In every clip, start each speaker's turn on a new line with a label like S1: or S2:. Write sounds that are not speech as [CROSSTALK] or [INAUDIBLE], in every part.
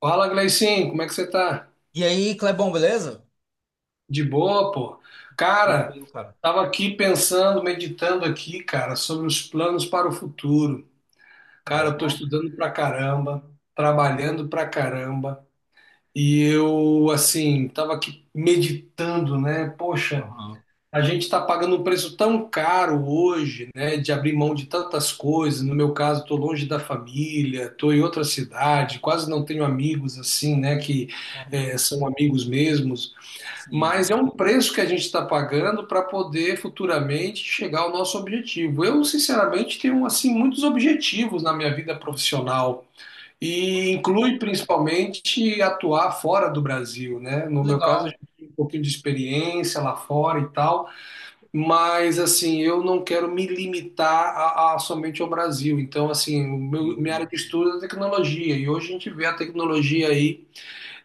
S1: Fala, Gleicinho, como é que você tá?
S2: E aí, Clebão, beleza?
S1: De boa, pô? Cara,
S2: Tranquilo, cara.
S1: tava aqui pensando, meditando aqui, cara, sobre os planos para o futuro. Cara, eu tô
S2: Ó,
S1: estudando pra caramba, trabalhando pra caramba, e eu, assim, tava aqui meditando, né? Poxa,
S2: aham,
S1: a gente tá pagando um preço tão caro hoje, né, de abrir mão de tantas coisas. No meu caso, tô longe da família, tô em outra cidade, quase não tenho amigos assim, né, que
S2: aham,
S1: são amigos mesmos. Mas é
S2: sim.
S1: um preço que a gente está pagando para poder futuramente chegar ao nosso objetivo. Eu, sinceramente, tenho assim muitos objetivos na minha vida profissional e
S2: Bom,
S1: inclui principalmente atuar fora do Brasil, né? No meu caso, eu
S2: Legal,
S1: já tenho um pouquinho de experiência lá fora e tal, mas assim, eu não quero me limitar a somente ao Brasil. Então, assim, minha
S2: sim.
S1: área de estudo é a tecnologia e hoje a gente vê a tecnologia aí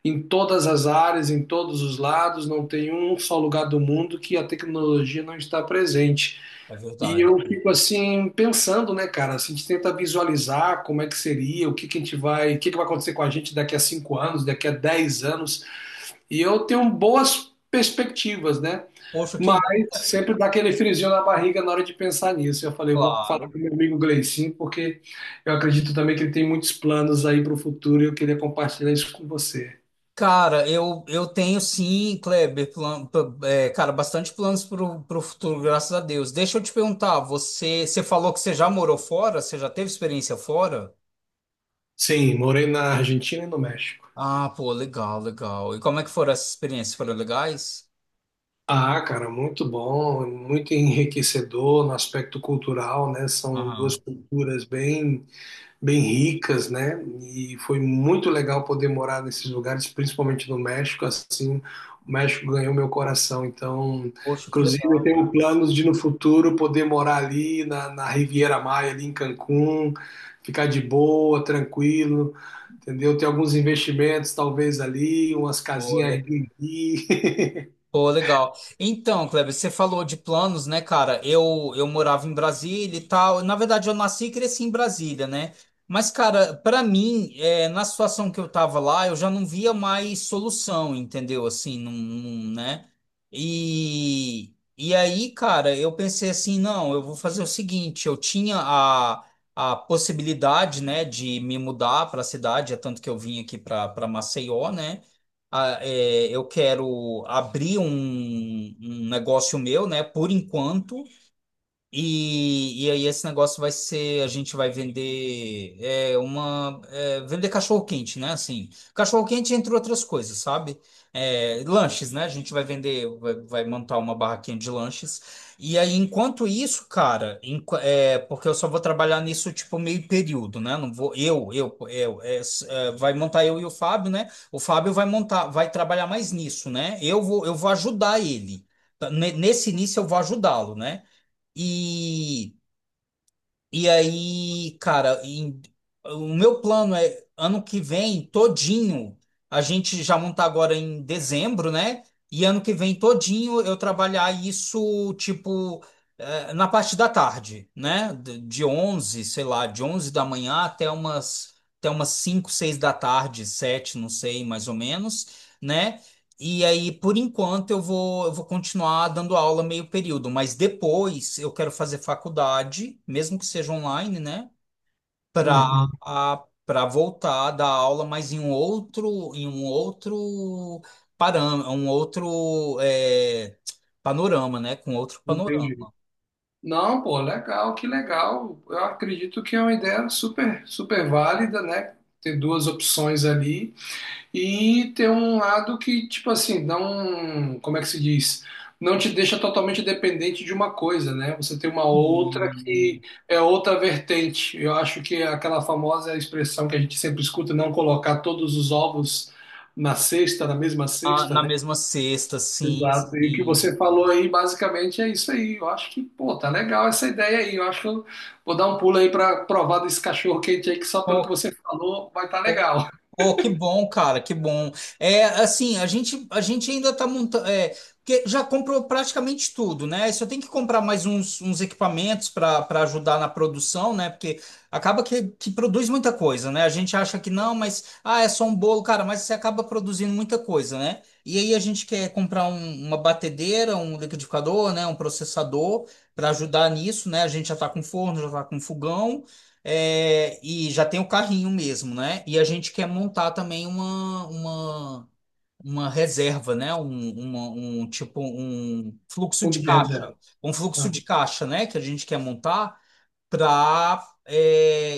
S1: em todas as áreas, em todos os lados, não tem um só lugar do mundo que a tecnologia não está presente.
S2: É
S1: E
S2: verdade.
S1: eu fico assim pensando, né, cara? Assim, a gente tenta visualizar como é que seria, o que que a gente vai, o que que vai acontecer com a gente daqui a 5 anos, daqui a 10 anos. E eu tenho boas perspectivas, né?
S2: Poxa, que
S1: Mas
S2: bom, Kleber.
S1: sempre dá aquele friozinho na barriga na hora de pensar nisso. Eu falei, eu vou falar
S2: Claro.
S1: com meu amigo Gleicinho, porque eu acredito também que ele tem muitos planos aí para o futuro e eu queria compartilhar isso com você.
S2: Cara, eu tenho sim, Kleber, é, cara, bastante planos pro futuro, graças a Deus. Deixa eu te perguntar, você falou que você já morou fora? Você já teve experiência fora?
S1: Sim, morei na Argentina e no México.
S2: Ah, pô, legal, legal. E como é que foram essas experiências? Foram legais?
S1: Ah, cara, muito bom, muito enriquecedor no aspecto cultural, né? São duas
S2: Aham.
S1: culturas bem, bem ricas, né? E foi muito legal poder morar nesses lugares, principalmente no México, assim, o México ganhou meu coração. Então,
S2: Poxa, que
S1: inclusive, eu
S2: legal.
S1: tenho planos de no futuro poder morar ali na Riviera Maya, ali em Cancún, ficar de boa, tranquilo. Entendeu? Tem alguns investimentos, talvez ali, umas casinhas Airbnb. [LAUGHS]
S2: Pô, legal. Então, Kleber, você falou de planos, né, cara? Eu morava em Brasília e tal. Na verdade, eu nasci e cresci em Brasília, né? Mas, cara, pra mim, é, na situação que eu tava lá, eu já não via mais solução, entendeu? Assim, não, não- né? E aí, cara, eu pensei assim, não, eu vou fazer o seguinte, eu tinha a possibilidade, né, de me mudar pra cidade, é tanto que eu vim aqui pra para Maceió, né? É, eu quero abrir um negócio meu, né? Por enquanto, e aí esse negócio vai ser, a gente vai vender é, uma é, vender cachorro-quente, né? Assim, cachorro-quente entre outras coisas, sabe? É, lanches, né? A gente vai vender, vai montar uma barraquinha de lanches. E aí, enquanto isso, cara, é, porque eu só vou trabalhar nisso tipo meio período, né? Não vou eu, é, é, vai montar eu e o Fábio, né? O Fábio vai montar, vai trabalhar mais nisso, né? Eu vou ajudar ele. Tá, nesse início eu vou ajudá-lo, né? E, e aí, cara, o meu plano é ano que vem todinho. A gente já montar agora em dezembro, né? E ano que vem todinho eu trabalhar isso, tipo, na parte da tarde, né? De 11, sei lá, de 11 da manhã até umas, 5 6 da tarde, 7 não sei, mais ou menos, né? E aí, por enquanto, eu vou continuar dando aula meio período, mas depois eu quero fazer faculdade, mesmo que seja online, né? Para
S1: Uhum.
S2: para voltar a dar aula, mas em um outro param, um outro é, panorama, né? Com outro panorama.
S1: Entendi. Não, pô, legal, que legal. Eu acredito que é uma ideia super, super válida, né? Ter duas opções ali. E tem um lado que, tipo assim, não, como é que se diz? Não te deixa totalmente dependente de uma coisa, né? Você tem uma outra que
S2: Sim.
S1: é outra vertente. Eu acho que é aquela famosa expressão que a gente sempre escuta, não colocar todos os ovos na cesta, na mesma
S2: Ah,
S1: cesta,
S2: na
S1: né?
S2: mesma sexta, sim,
S1: Exato. E o que
S2: sim.
S1: você falou aí, basicamente, é isso aí. Eu acho que, pô, tá legal essa ideia aí. Eu acho que eu vou dar um pulo aí para provar desse cachorro quente aí, que só pelo que
S2: Pô,
S1: você falou vai estar tá legal. [LAUGHS]
S2: Oh, que bom, cara, que bom. É, assim, a gente ainda tá montando, é, porque já comprou praticamente tudo, né? Só tem que comprar mais uns equipamentos para ajudar na produção, né? Porque acaba que produz muita coisa, né? A gente acha que não, mas, ah, é só um bolo, cara, mas você acaba produzindo muita coisa, né? E aí a gente quer comprar uma batedeira, um liquidificador, né? Um processador para ajudar nisso, né? A gente já tá com forno, já tá com fogão. É, e já tem o carrinho mesmo, né? E a gente quer montar também uma reserva, né? Um tipo um fluxo
S1: Bom
S2: de
S1: dia, Zé.
S2: caixa, um fluxo
S1: Ah.
S2: de caixa, né? Que a gente quer montar para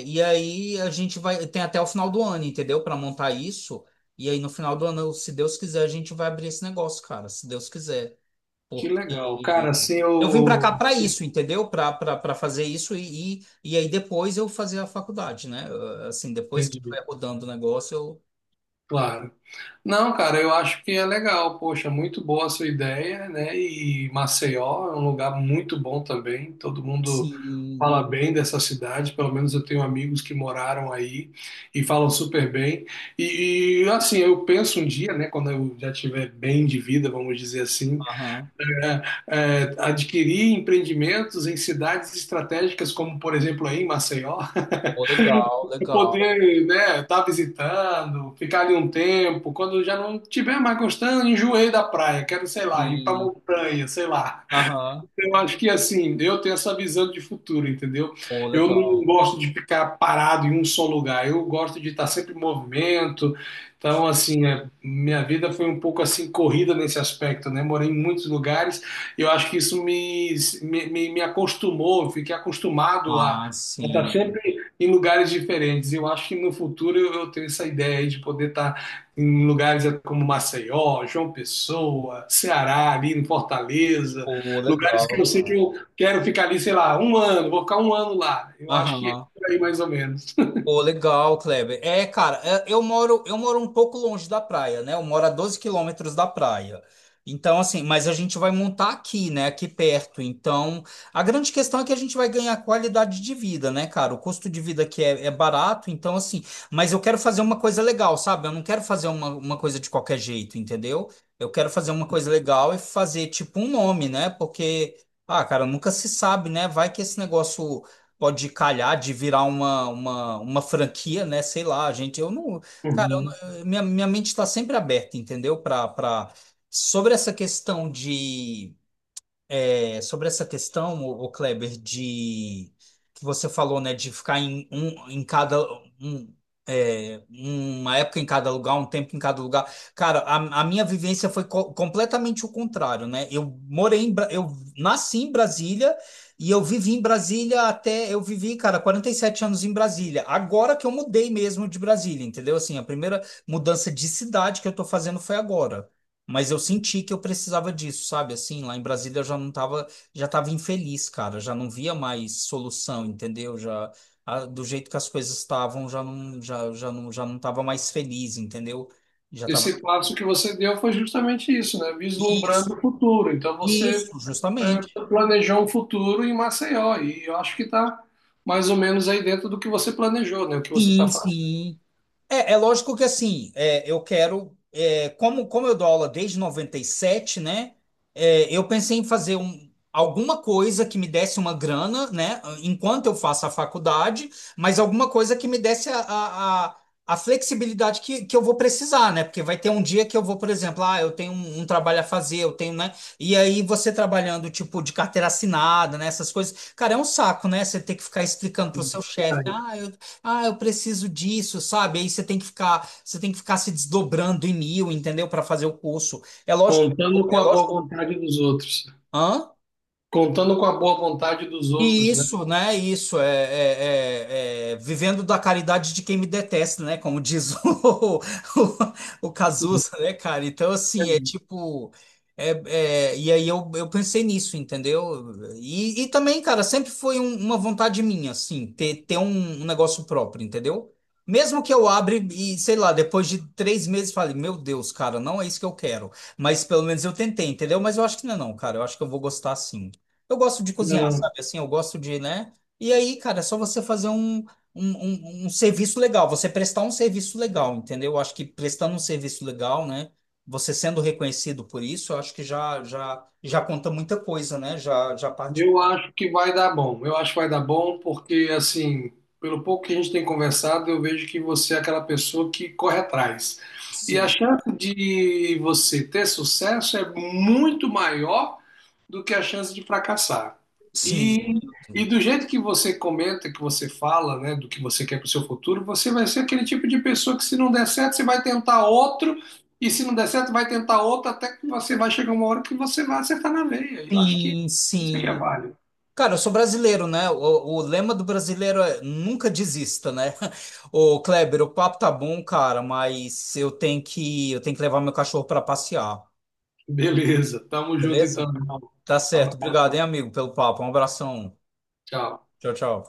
S2: e aí a gente vai tem até o final do ano, entendeu? Para montar isso. E aí no final do ano, se Deus quiser, a gente vai abrir esse negócio, cara. Se Deus quiser.
S1: Que legal. Cara,
S2: Porque
S1: assim
S2: eu vim para
S1: eu.
S2: cá para isso, entendeu? Para fazer isso e, e aí depois eu fazer a faculdade, né? Assim, depois que
S1: Entendi.
S2: estiver rodando o negócio, eu.
S1: Claro. Não, cara, eu acho que é legal. Poxa, muito boa a sua ideia, né? E Maceió é um lugar muito bom também. Todo mundo
S2: Sim,
S1: fala bem dessa cidade. Pelo menos eu tenho amigos que moraram aí e falam super bem. E, assim, eu penso um dia, né? Quando eu já tiver bem de vida, vamos dizer assim,
S2: aham.
S1: é, adquirir empreendimentos em cidades estratégicas, como por exemplo aí em Maceió.
S2: Pô, legal, legal.
S1: Poder, né, estar visitando, ficar ali um tempo, quando já não tiver mais gostando, enjoei da praia, quero, sei lá, ir pra
S2: Sim,
S1: montanha, sei lá.
S2: aham.
S1: Eu acho que assim, eu tenho essa visão de futuro, entendeu?
S2: Pô,
S1: Eu não
S2: legal.
S1: gosto de ficar parado em um só lugar, eu gosto de estar sempre em movimento. Então, assim, é, minha vida foi um pouco assim corrida nesse aspecto, né? Morei em muitos lugares eu acho que isso me acostumou, eu fiquei acostumado
S2: Ah,
S1: a estar
S2: sim.
S1: sempre em lugares diferentes. Eu acho que no futuro eu tenho essa ideia aí de poder estar em lugares como Maceió, João Pessoa, Ceará, ali em Fortaleza.
S2: Pô,
S1: Lugares
S2: legal,
S1: que eu sei que
S2: cara.
S1: eu quero ficar ali, sei lá, um ano, vou ficar um ano lá. Eu acho que é
S2: Aham.
S1: por aí mais ou menos.
S2: Pô, legal, Kleber. É, cara, é, eu moro um pouco longe da praia, né? Eu moro a 12 quilômetros da praia. Então, assim, mas a gente vai montar aqui, né? Aqui perto. Então, a grande questão é que a gente vai ganhar qualidade de vida, né, cara? O custo de vida aqui é barato, então, assim, mas eu quero fazer uma coisa legal, sabe? Eu não quero fazer uma coisa de qualquer jeito, entendeu? Eu quero fazer uma coisa legal e fazer, tipo, um nome, né? Porque, ah, cara, nunca se sabe, né? Vai que esse negócio pode calhar de virar uma franquia, né? Sei lá, gente. Eu não. Cara, eu
S1: Uhum.
S2: não- minha mente está sempre aberta, entendeu? Para. Sobre essa questão de Sobre essa questão, o, Kleber, de que você falou, né, de ficar em um em cada um, é, uma época em cada lugar, um tempo em cada lugar. Cara, a minha vivência foi completamente o contrário, né? Eu nasci em Brasília e eu vivi em Brasília até eu vivi, cara, 47 anos em Brasília. Agora que eu mudei mesmo de Brasília, entendeu? Assim, a primeira mudança de cidade que eu tô fazendo foi agora. Mas eu senti que eu precisava disso, sabe? Assim, lá em Brasília eu já não tava, já tava infeliz, cara, já não via mais solução, entendeu? Já do jeito que as coisas estavam, já não tava mais feliz, entendeu? Já tava.
S1: Esse passo que você deu foi justamente isso, né?
S2: isso,
S1: Vislumbrando o futuro. Então você
S2: isso,
S1: é,
S2: justamente.
S1: planejou um futuro em Maceió e eu acho que está mais ou menos aí dentro do que você planejou, né? O que você está
S2: Sim,
S1: fazendo.
S2: sim. É lógico que assim, é, eu quero, é, como eu dou aula desde 97, né? É, eu pensei em fazer alguma coisa que me desse uma grana, né? Enquanto eu faço a faculdade, mas alguma coisa que me desse a flexibilidade que eu vou precisar, né? Porque vai ter um dia que eu vou, por exemplo, ah, eu tenho um trabalho a fazer, eu tenho, né? E aí você trabalhando, tipo, de carteira assinada, né? Essas coisas. Cara, é um saco, né? Você ter que ficar explicando pro seu chefe, ah, eu preciso disso, sabe? Aí você tem que ficar se desdobrando em mil, entendeu? Para fazer o curso. É lógico,
S1: Contando com
S2: é
S1: a boa
S2: lógico.
S1: vontade dos outros.
S2: Hã?
S1: Contando com a boa vontade dos
S2: E
S1: outros, né?
S2: isso, né? Isso é, é vivendo da caridade de quem me detesta, né? Como diz o, [LAUGHS] o Cazuza, né, cara? Então, assim, é tipo. é- e aí eu pensei nisso, entendeu? E também, cara, sempre foi uma vontade minha, assim, ter um negócio próprio, entendeu? Mesmo que eu abra e, sei lá, depois de 3 meses fale, meu Deus, cara, não é isso que eu quero. Mas pelo menos eu tentei, entendeu? Mas eu acho que não é não, cara. Eu acho que eu vou gostar sim. Eu gosto de cozinhar, sabe? Assim, eu gosto de, né? E aí, cara, é só você fazer um serviço legal, você prestar um serviço legal, entendeu? Eu acho que prestando um serviço legal, né? Você sendo reconhecido por isso, eu acho que já conta muita coisa, né? Já parte.
S1: Eu acho que vai dar bom. Eu acho que vai dar bom porque, assim, pelo pouco que a gente tem conversado, eu vejo que você é aquela pessoa que corre atrás. E a
S2: Sim, tá.
S1: chance de você ter sucesso é muito maior do que a chance de fracassar.
S2: Sim,
S1: E, e do jeito que você comenta, que você fala, né, do que você quer para o seu futuro, você vai ser aquele tipo de pessoa que, se não der certo, você vai tentar outro, e se não der certo, vai tentar outro, até que você vai chegar uma hora que você vai acertar na veia. E eu acho que
S2: sim,
S1: isso que é
S2: sim.
S1: válido.
S2: Cara, eu sou brasileiro, né? O lema do brasileiro é nunca desista, né? [LAUGHS] Ô, Kleber, o papo tá bom, cara, mas eu tenho que levar meu cachorro para passear.
S1: Beleza, tamo junto
S2: Beleza?
S1: então, irmão.
S2: Tá
S1: Um
S2: certo.
S1: abraço,
S2: Obrigado, hein, amigo, pelo papo. Um abração.
S1: tchau.
S2: Tchau, tchau.